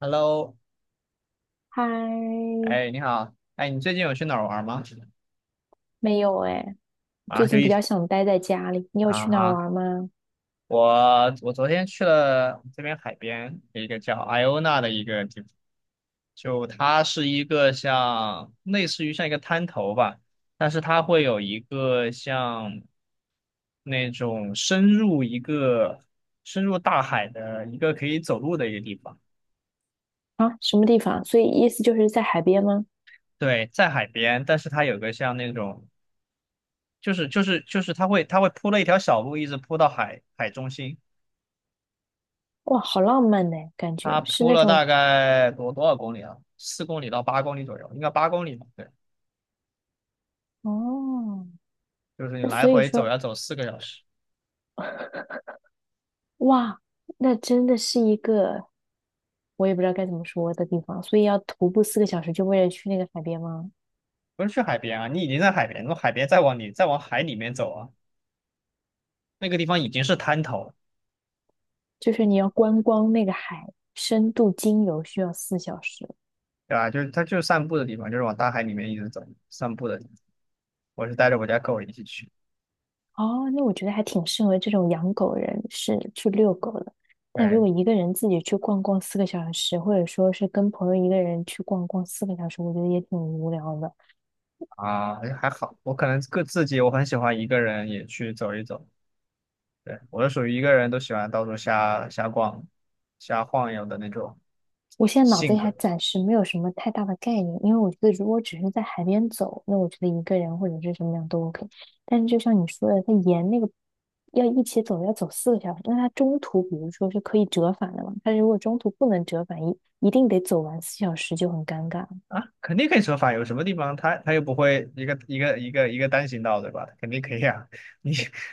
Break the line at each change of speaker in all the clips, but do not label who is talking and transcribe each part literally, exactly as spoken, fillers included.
Hello,
嗨，
哎，你好。哎，你最近有去哪儿玩吗？
没有哎，最
啊，就
近比
一
较想待在家里。你有
啊，
去哪儿
啊，
玩吗？
我我昨天去了这边海边一个叫 Iona 的一个地方，就它是一个像类似于像一个滩头吧，但是它会有一个像那种深入一个深入大海的一个可以走路的一个地方。
啊，什么地方？所以意思就是在海边吗？
对，在海边，但是它有个像那种就是就是就是它会它会铺了一条小路，一直铺到海海中心。
哇，好浪漫呢，感
它
觉是
铺
那
了
种
大概多多少公里啊？四公里到八公里左右，应该八公里吧？对，
哦。
就是你
那
来
所以
回走
说，
要走四个小时。
哇，那真的是一个我也不知道该怎么说的地方。所以要徒步四个小时，就为了去那个海边吗？
不是去海边啊，你已经在海边，从海边再往里再往海里面走啊，那个地方已经是滩头了。
就是你要观光那个海，深度精游需要四小时。
对吧？就是它就是散步的地方，就是往大海里面一直走散步的地方。我是带着我家狗一起去。
哦，那我觉得还挺适合这种养狗人士去遛狗的。但
对
如果一个人自己去逛逛四个小时，或者说是跟朋友一个人去逛逛四个小时，我觉得也挺无聊的。
啊，哎还好，我可能个自己我很喜欢一个人也去走一走。对，我是属于一个人都喜欢到处瞎瞎逛、瞎晃悠的那种
我现在脑子
性
里还
格。
暂时没有什么太大的概念，因为我觉得如果只是在海边走，那我觉得一个人或者是什么样都 OK。但是就像你说的，他沿那个要一起走，要走四个小时，那他中途比如说是可以折返的嘛？他如果中途不能折返，一一定得走完四小时就很尴尬。
啊，肯定可以折返，有什么地方它它又不会一个一个一个一个单行道，对吧？肯定可以啊。你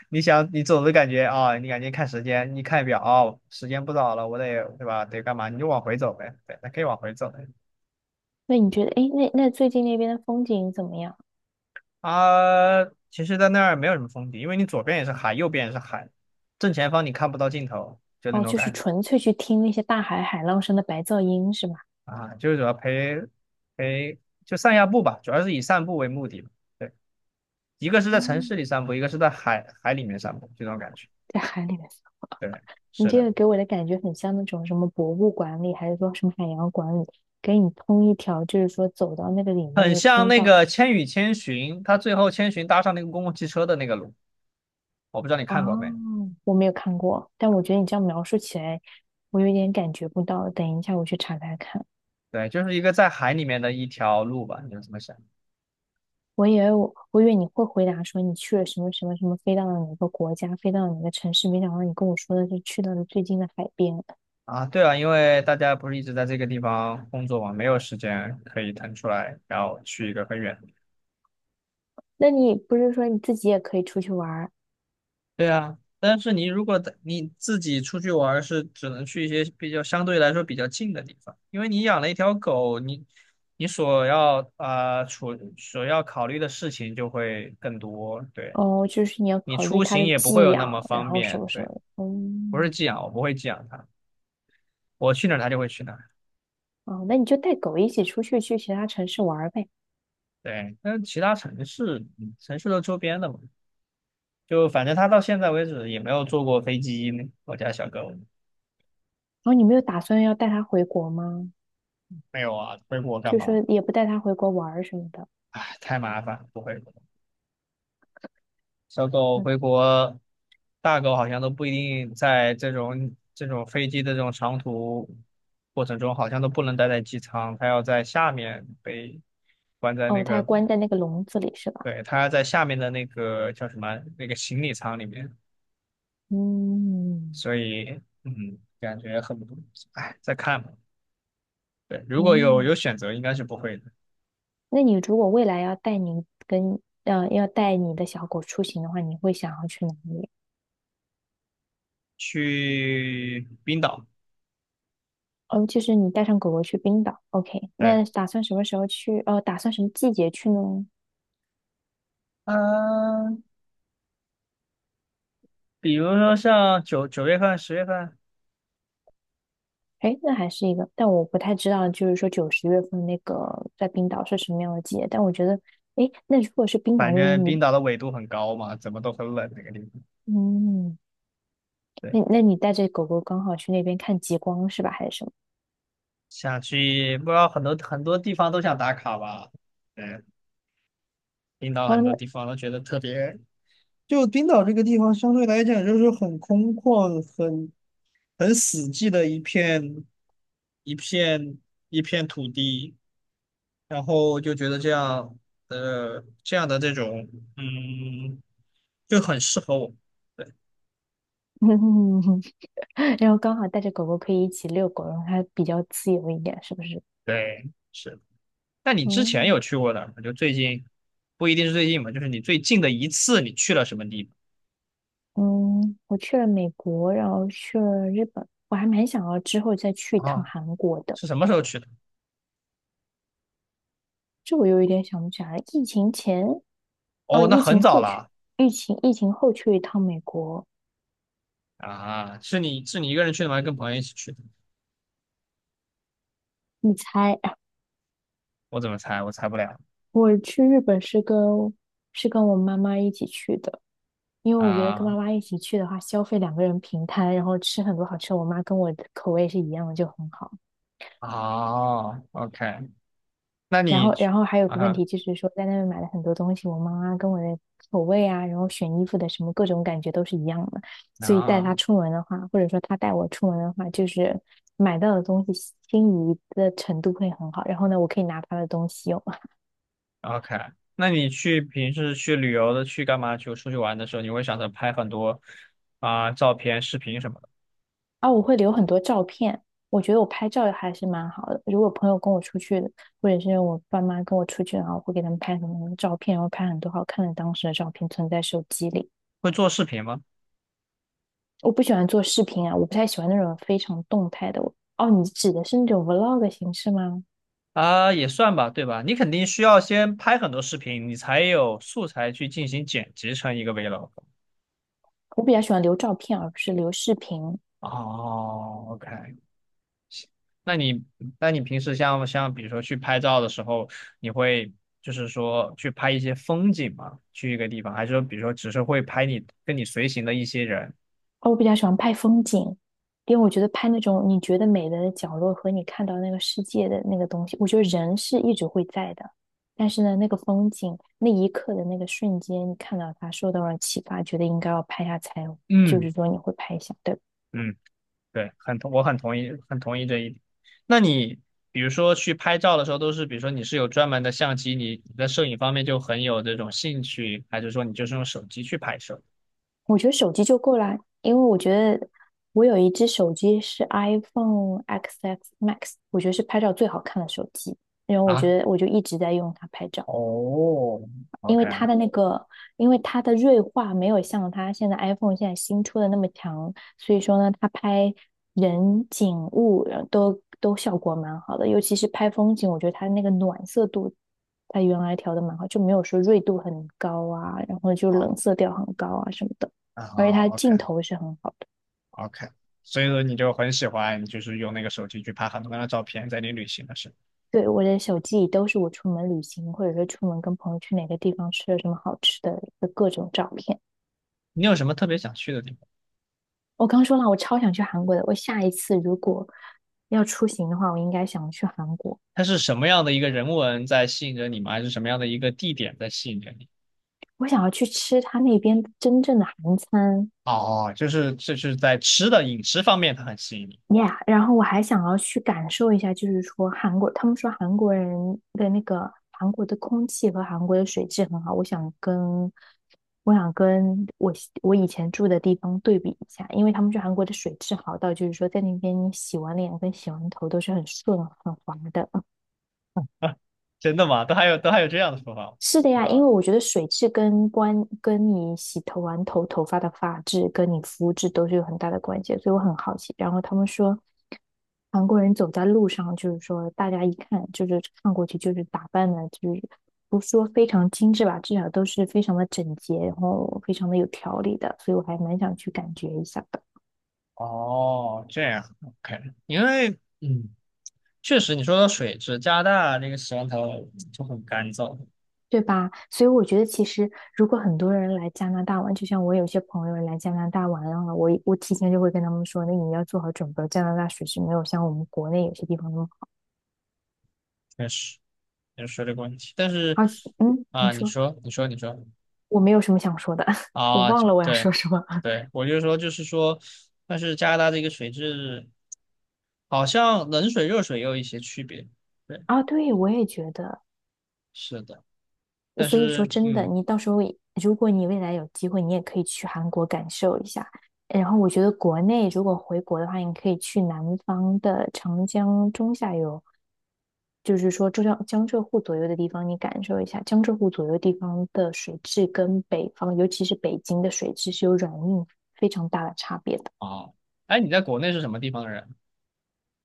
你想你走的感觉啊、你感觉看时间，你看表，哦，时间不早了，我得对吧？得干嘛？你就往回走呗。对，那可以往回走的。
那你觉得，哎，那那最近那边的风景怎么样？
啊。其实，在那儿没有什么风景，因为你左边也是海，右边也是海，正前方你看不到尽头，就那
哦，
种
就是
感觉
纯粹去听那些大海海浪声的白噪音是吗？
啊。就是主要陪陪就散下步吧，主要是以散步为目的。对，一个是在城市
嗯，
里散步，一个是在海海里面散步，这种感觉。
在海里面，
对，
你
是
这
的。
个给我的感觉很像那种什么博物馆里，还是说什么海洋馆里，给你通一条，就是说走到那个里面
很
的
像
通
那
道。
个《千与千寻》，他最后千寻搭上那个公共汽车的那个路，我不知道你
哦，
看过没？
我没有看过，但我觉得你这样描述起来，我有点感觉不到。等一下我去查查看。
对，就是一个在海里面的一条路吧，你是怎么想？
我以为我，我以为你会回答说你去了什么什么什么，飞到了哪个国家，飞到了哪个城市，没想到你跟我说的是去到了最近的海边。
啊，对啊，因为大家不是一直在这个地方工作嘛，没有时间可以腾出来，然后去一个很远的。
那你不是说你自己也可以出去玩儿？
对啊，但是你如果在你自己出去玩儿是只能去一些比较相对来说比较近的地方，因为你养了一条狗，你你所要啊、呃处所要考虑的事情就会更多，对。
哦，就是你要
你
考虑
出
它
行
的
也不会
寄
有那
养，
么
然
方
后什
便。
么什么
对，
的。
不是
嗯，
寄养，我不会寄养它，我去哪儿它就会去哪儿。
哦，那你就带狗一起出去去其他城市玩儿呗。
对，但其他城市，嗯城市都周边的嘛，就反正它到现在为止也没有坐过飞机呢。我家小狗。
然后你没有打算要带它回国吗？
没有啊，回国干
就是
嘛？
说也不带它回国玩儿什么的。
唉，太麻烦，不会。小狗
嗯，
回国，大狗好像都不一定在这种这种飞机的这种长途过程中，好像都不能待在机舱，它要在下面被关在那
哦，它还
个。
关在那个笼子里是吧？
对，它在下面的那个叫什么那个行李舱里面。
嗯
所以嗯，感觉很不，哎，再看吧。对，如果有
嗯。
有选择，应该是不会的。
那你如果未来要带你跟呃要带你的小狗出行的话，你会想要去哪里？
去冰岛。
哦，就是你带上狗狗去冰岛，OK?
对，
那打算什么时候去？哦，打算什么季节去呢？
嗯、比如说像九九月份、十月份。
诶，那还是一个，但我不太知道，就是说九十月份那个在冰岛是什么样的季节？但我觉得，诶，那如果是冰岛
反
那边，
正
你
冰岛的纬度很高嘛，怎么都很冷那个地方。
嗯，
对，
那那你带着狗狗刚好去那边看极光是吧？还是什么？
想去。不知道很多很多地方都想打卡吧？对，冰岛
哦，
很多
那
地方都觉得特别。就冰岛这个地方相对来讲就是很空旷，很很死寂的一片一片一片土地，然后就觉得这样的这样的这种嗯就很适合我。对
然后刚好带着狗狗可以一起遛狗，然后它比较自由一点，是不是？
对，是。那你之
哦，
前有去过的？就最近不一定是最近嘛，就是你最近的一次你去了什么地
嗯，我去了美国，然后去了日本，我还蛮想要之后再去一
方
趟
啊？
韩国的。
是什么时候去的？
这我又有一点想不起来了，疫情前，哦，
哦，那
疫
很
情
早
后去，
了。
疫情疫情后去一趟美国。
啊！是你是你一个人去的吗？还是跟朋友一起去的？
你猜，
我怎么猜？我猜不了
我去日本是跟是跟我妈妈一起去的，因为我觉得跟
啊！
妈妈一起去的话，消费两个人平摊，然后吃很多好吃的，我妈跟我的口味是一样的，就很好。
哦，OK。那
然
你
后，
去
然后还有个问
啊
题就是说，在那边买了很多东西，我妈妈跟我的口味啊，然后选衣服的什么各种感觉都是一样的，所以带
啊
她出门的话，或者说她带我出门的话，就是买到的东西心仪的程度会很好。然后呢，我可以拿她的东西用，
，OK，那你去平时去旅游的，去干嘛？去出去玩的时候，你会想着拍很多啊、照片、视频什么的。
啊，我会留很多照片，我觉得我拍照还是蛮好的。如果朋友跟我出去，或者是我爸妈跟我出去，然后我会给他们拍很多照片，然后拍很多好看的当时的照片存在手机里。
会做视频吗？
我不喜欢做视频啊，我不太喜欢那种非常动态的。哦，你指的是那种 vlog 的形式吗？
啊，也算吧，对吧？你肯定需要先拍很多视频，你才有素材去进行剪辑成一个 vlog。
我比较喜欢留照片，而不是留视频。
哦，OK。那你那你平时像像比如说去拍照的时候，你会就是说去拍一些风景吗？去一个地方，还是说比如说只是会拍你跟你随行的一些人？
哦，我比较喜欢拍风景，因为我觉得拍那种你觉得美的角落和你看到那个世界的那个东西，我觉得人是一直会在的。但是呢，那个风景，那一刻的那个瞬间，你看到它，受到了启发，觉得应该要拍下才，就
嗯
是说你会拍下，对吧？
嗯。对，很同，我很同意，很同意这一点。那你比如说去拍照的时候，都是比如说你是有专门的相机，你你在摄影方面就很有这种兴趣，还是说你就是用手机去拍摄
我觉得手机就够了，因为我觉得我有一只手机是 iPhone X S Max,我觉得是拍照最好看的手机，然后我
啊？
觉得我就一直在用它拍照。
哦
因
，OK。
为它的那个，因为它的锐化没有像它现在 iPhone 现在新出的那么强，所以说呢，它拍人景物然后都都效果蛮好的，尤其是拍风景，我觉得它那个暖色度，它原来调的蛮好，就没有说锐度很高啊，然后就
好
冷色调很高啊什么的，
啊
而且它
好
镜头是很好的。
，OK，OK，所以说你就很喜欢，就是用那个手机去拍很多张的照片，在你旅行的时候。
对，我的手机里都是我出门旅行，或者说出门跟朋友去哪个地方吃了什么好吃的的各种照片。
你有什么特别想去的地方？
我刚说了，我超想去韩国的。我下一次如果要出行的话，我应该想去韩国。
它是什么样的一个人文在吸引着你吗？还是什么样的一个地点在吸引着你？
我想要去吃他那边真正的韩餐
哦，就是就是在吃的饮食方面，它很吸引你。
，yeah。然后我还想要去感受一下，就是说韩国，他们说韩国人的那个韩国的空气和韩国的水质很好。我想跟我想跟我我以前住的地方对比一下，因为他们说韩国的水质好到，就是说在那边你洗完脸跟洗完头都是很顺很滑的。
真的吗？都还有都还有这样的说法，我不
是的
知
呀，因为
道。
我觉得水质跟关跟你洗头完头头发的发质跟你肤质都是有很大的关系，所以我很好奇。然后他们说韩国人走在路上，就是说大家一看就是看过去就是打扮的，就是不说非常精致吧，至少都是非常的整洁，然后非常的有条理的，所以我还蛮想去感觉一下的。
哦，这样，OK。因为嗯，确实你说的水质，加拿大那个洗完头就很干燥，
对吧？所以我觉得，其实如果很多人来加拿大玩，就像我有些朋友来加拿大玩了，我我提前就会跟他们说，那你要做好准备，加拿大水是没有像我们国内有些地方那么好。
确实也是水这个问题。但是
而且，嗯，你
啊、你
说
说，你说，你说
我没有什么想说的，我
啊，
忘
就
了我要
对，
说什么
对，我就说，就是说，但是加拿大这个水质好像冷水、热水也有一些区别。对，
啊？对，我也觉得。
是的。但
所以说
是
真的，
嗯，
你到时候如果你未来有机会，你也可以去韩国感受一下。然后我觉得国内如果回国的话，你可以去南方的长江中下游，就是说浙江江浙沪左右的地方，你感受一下江浙沪左右地方的水质跟北方，尤其是北京的水质是有软硬非常大的差别的。
哦，哎，你在国内是什么地方的人？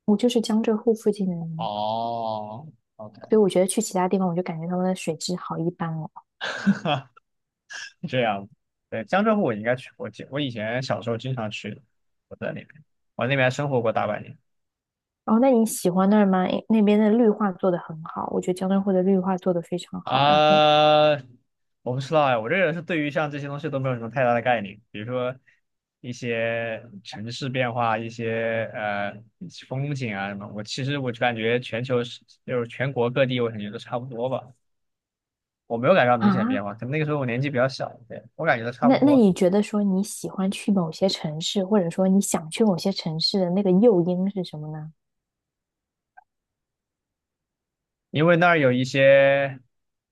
我就是江浙沪附近的人，
哦，OK。
所以我觉得去其他地方，我就感觉他们的水质好一般哦。
这样。对，江浙沪我应该去过，我以前小时候经常去，我在那边，我在那边还生活过大半年
哦，那你喜欢那儿吗？诶那边的绿化做得很好，我觉得江浙沪的绿化做得非常好。然后
啊、我不知道哎，我这个人是对于像这些东西都没有什么太大的概念，比如说一些城市变化、一些呃风景啊什么，我其实我就感觉全球是就是全国各地，我感觉都差不多吧，我没有感觉到明显的
啊，
变化，可能那个时候我年纪比较小。对，我感觉都差不
那那
多，
你觉得说你喜欢去某些城市，或者说你想去某些城市的那个诱因是什么呢？
因为那儿有一些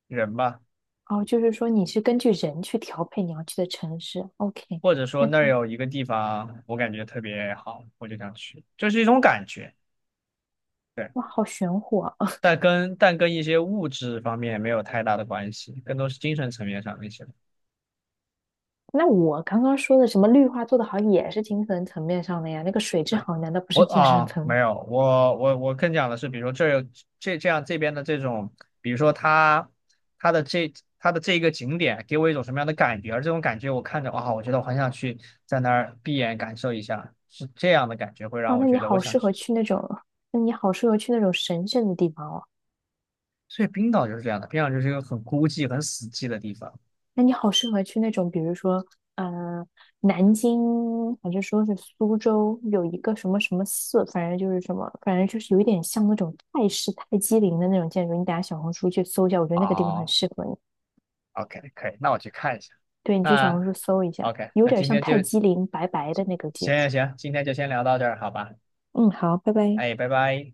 人吧。
哦，就是说你是根据人去调配你要去的城市。OK,
或者说
那
那儿有一个地方我感觉特别好，我就想去，就是一种感觉。对，
哇，好玄乎啊！
但跟但跟一些物质方面没有太大的关系，更多是精神层面上的一些。
那我刚刚说的什么绿化做得好，也是精神层面上的呀。那个水质
哎，
好，难道不
我
是精神
啊，
层
没
面？
有，我我我更讲的是，比如说这儿有这这样这边的这种，比如说它它的这它的这一个景点给我一种什么样的感觉，而这种感觉我看着哇，我觉得我很想去在那儿闭眼感受一下，是这样的感觉会让
哇，
我
那你
觉得我
好
想
适
去。
合去那种，那你好适合去那种神圣的地方哦。
所以冰岛就是这样的，冰岛就是一个很孤寂、很死寂的地方。
那你好适合去那种，比如说，呃，南京还是说是苏州，有一个什么什么寺，反正就是什么，反正就是有一点像那种泰式泰姬陵的那种建筑。你等下小红书去搜一下，我觉得那个地方很
哦
适合你。
，OK，可以，那我去看一下。
对，你去小
那
红书搜一下，
OK，
有
那
点
今
像
天就
泰姬陵白白的那个建
行行
筑。
行，今天就先聊到这儿，好吧？
嗯，好，拜拜。
哎，拜拜。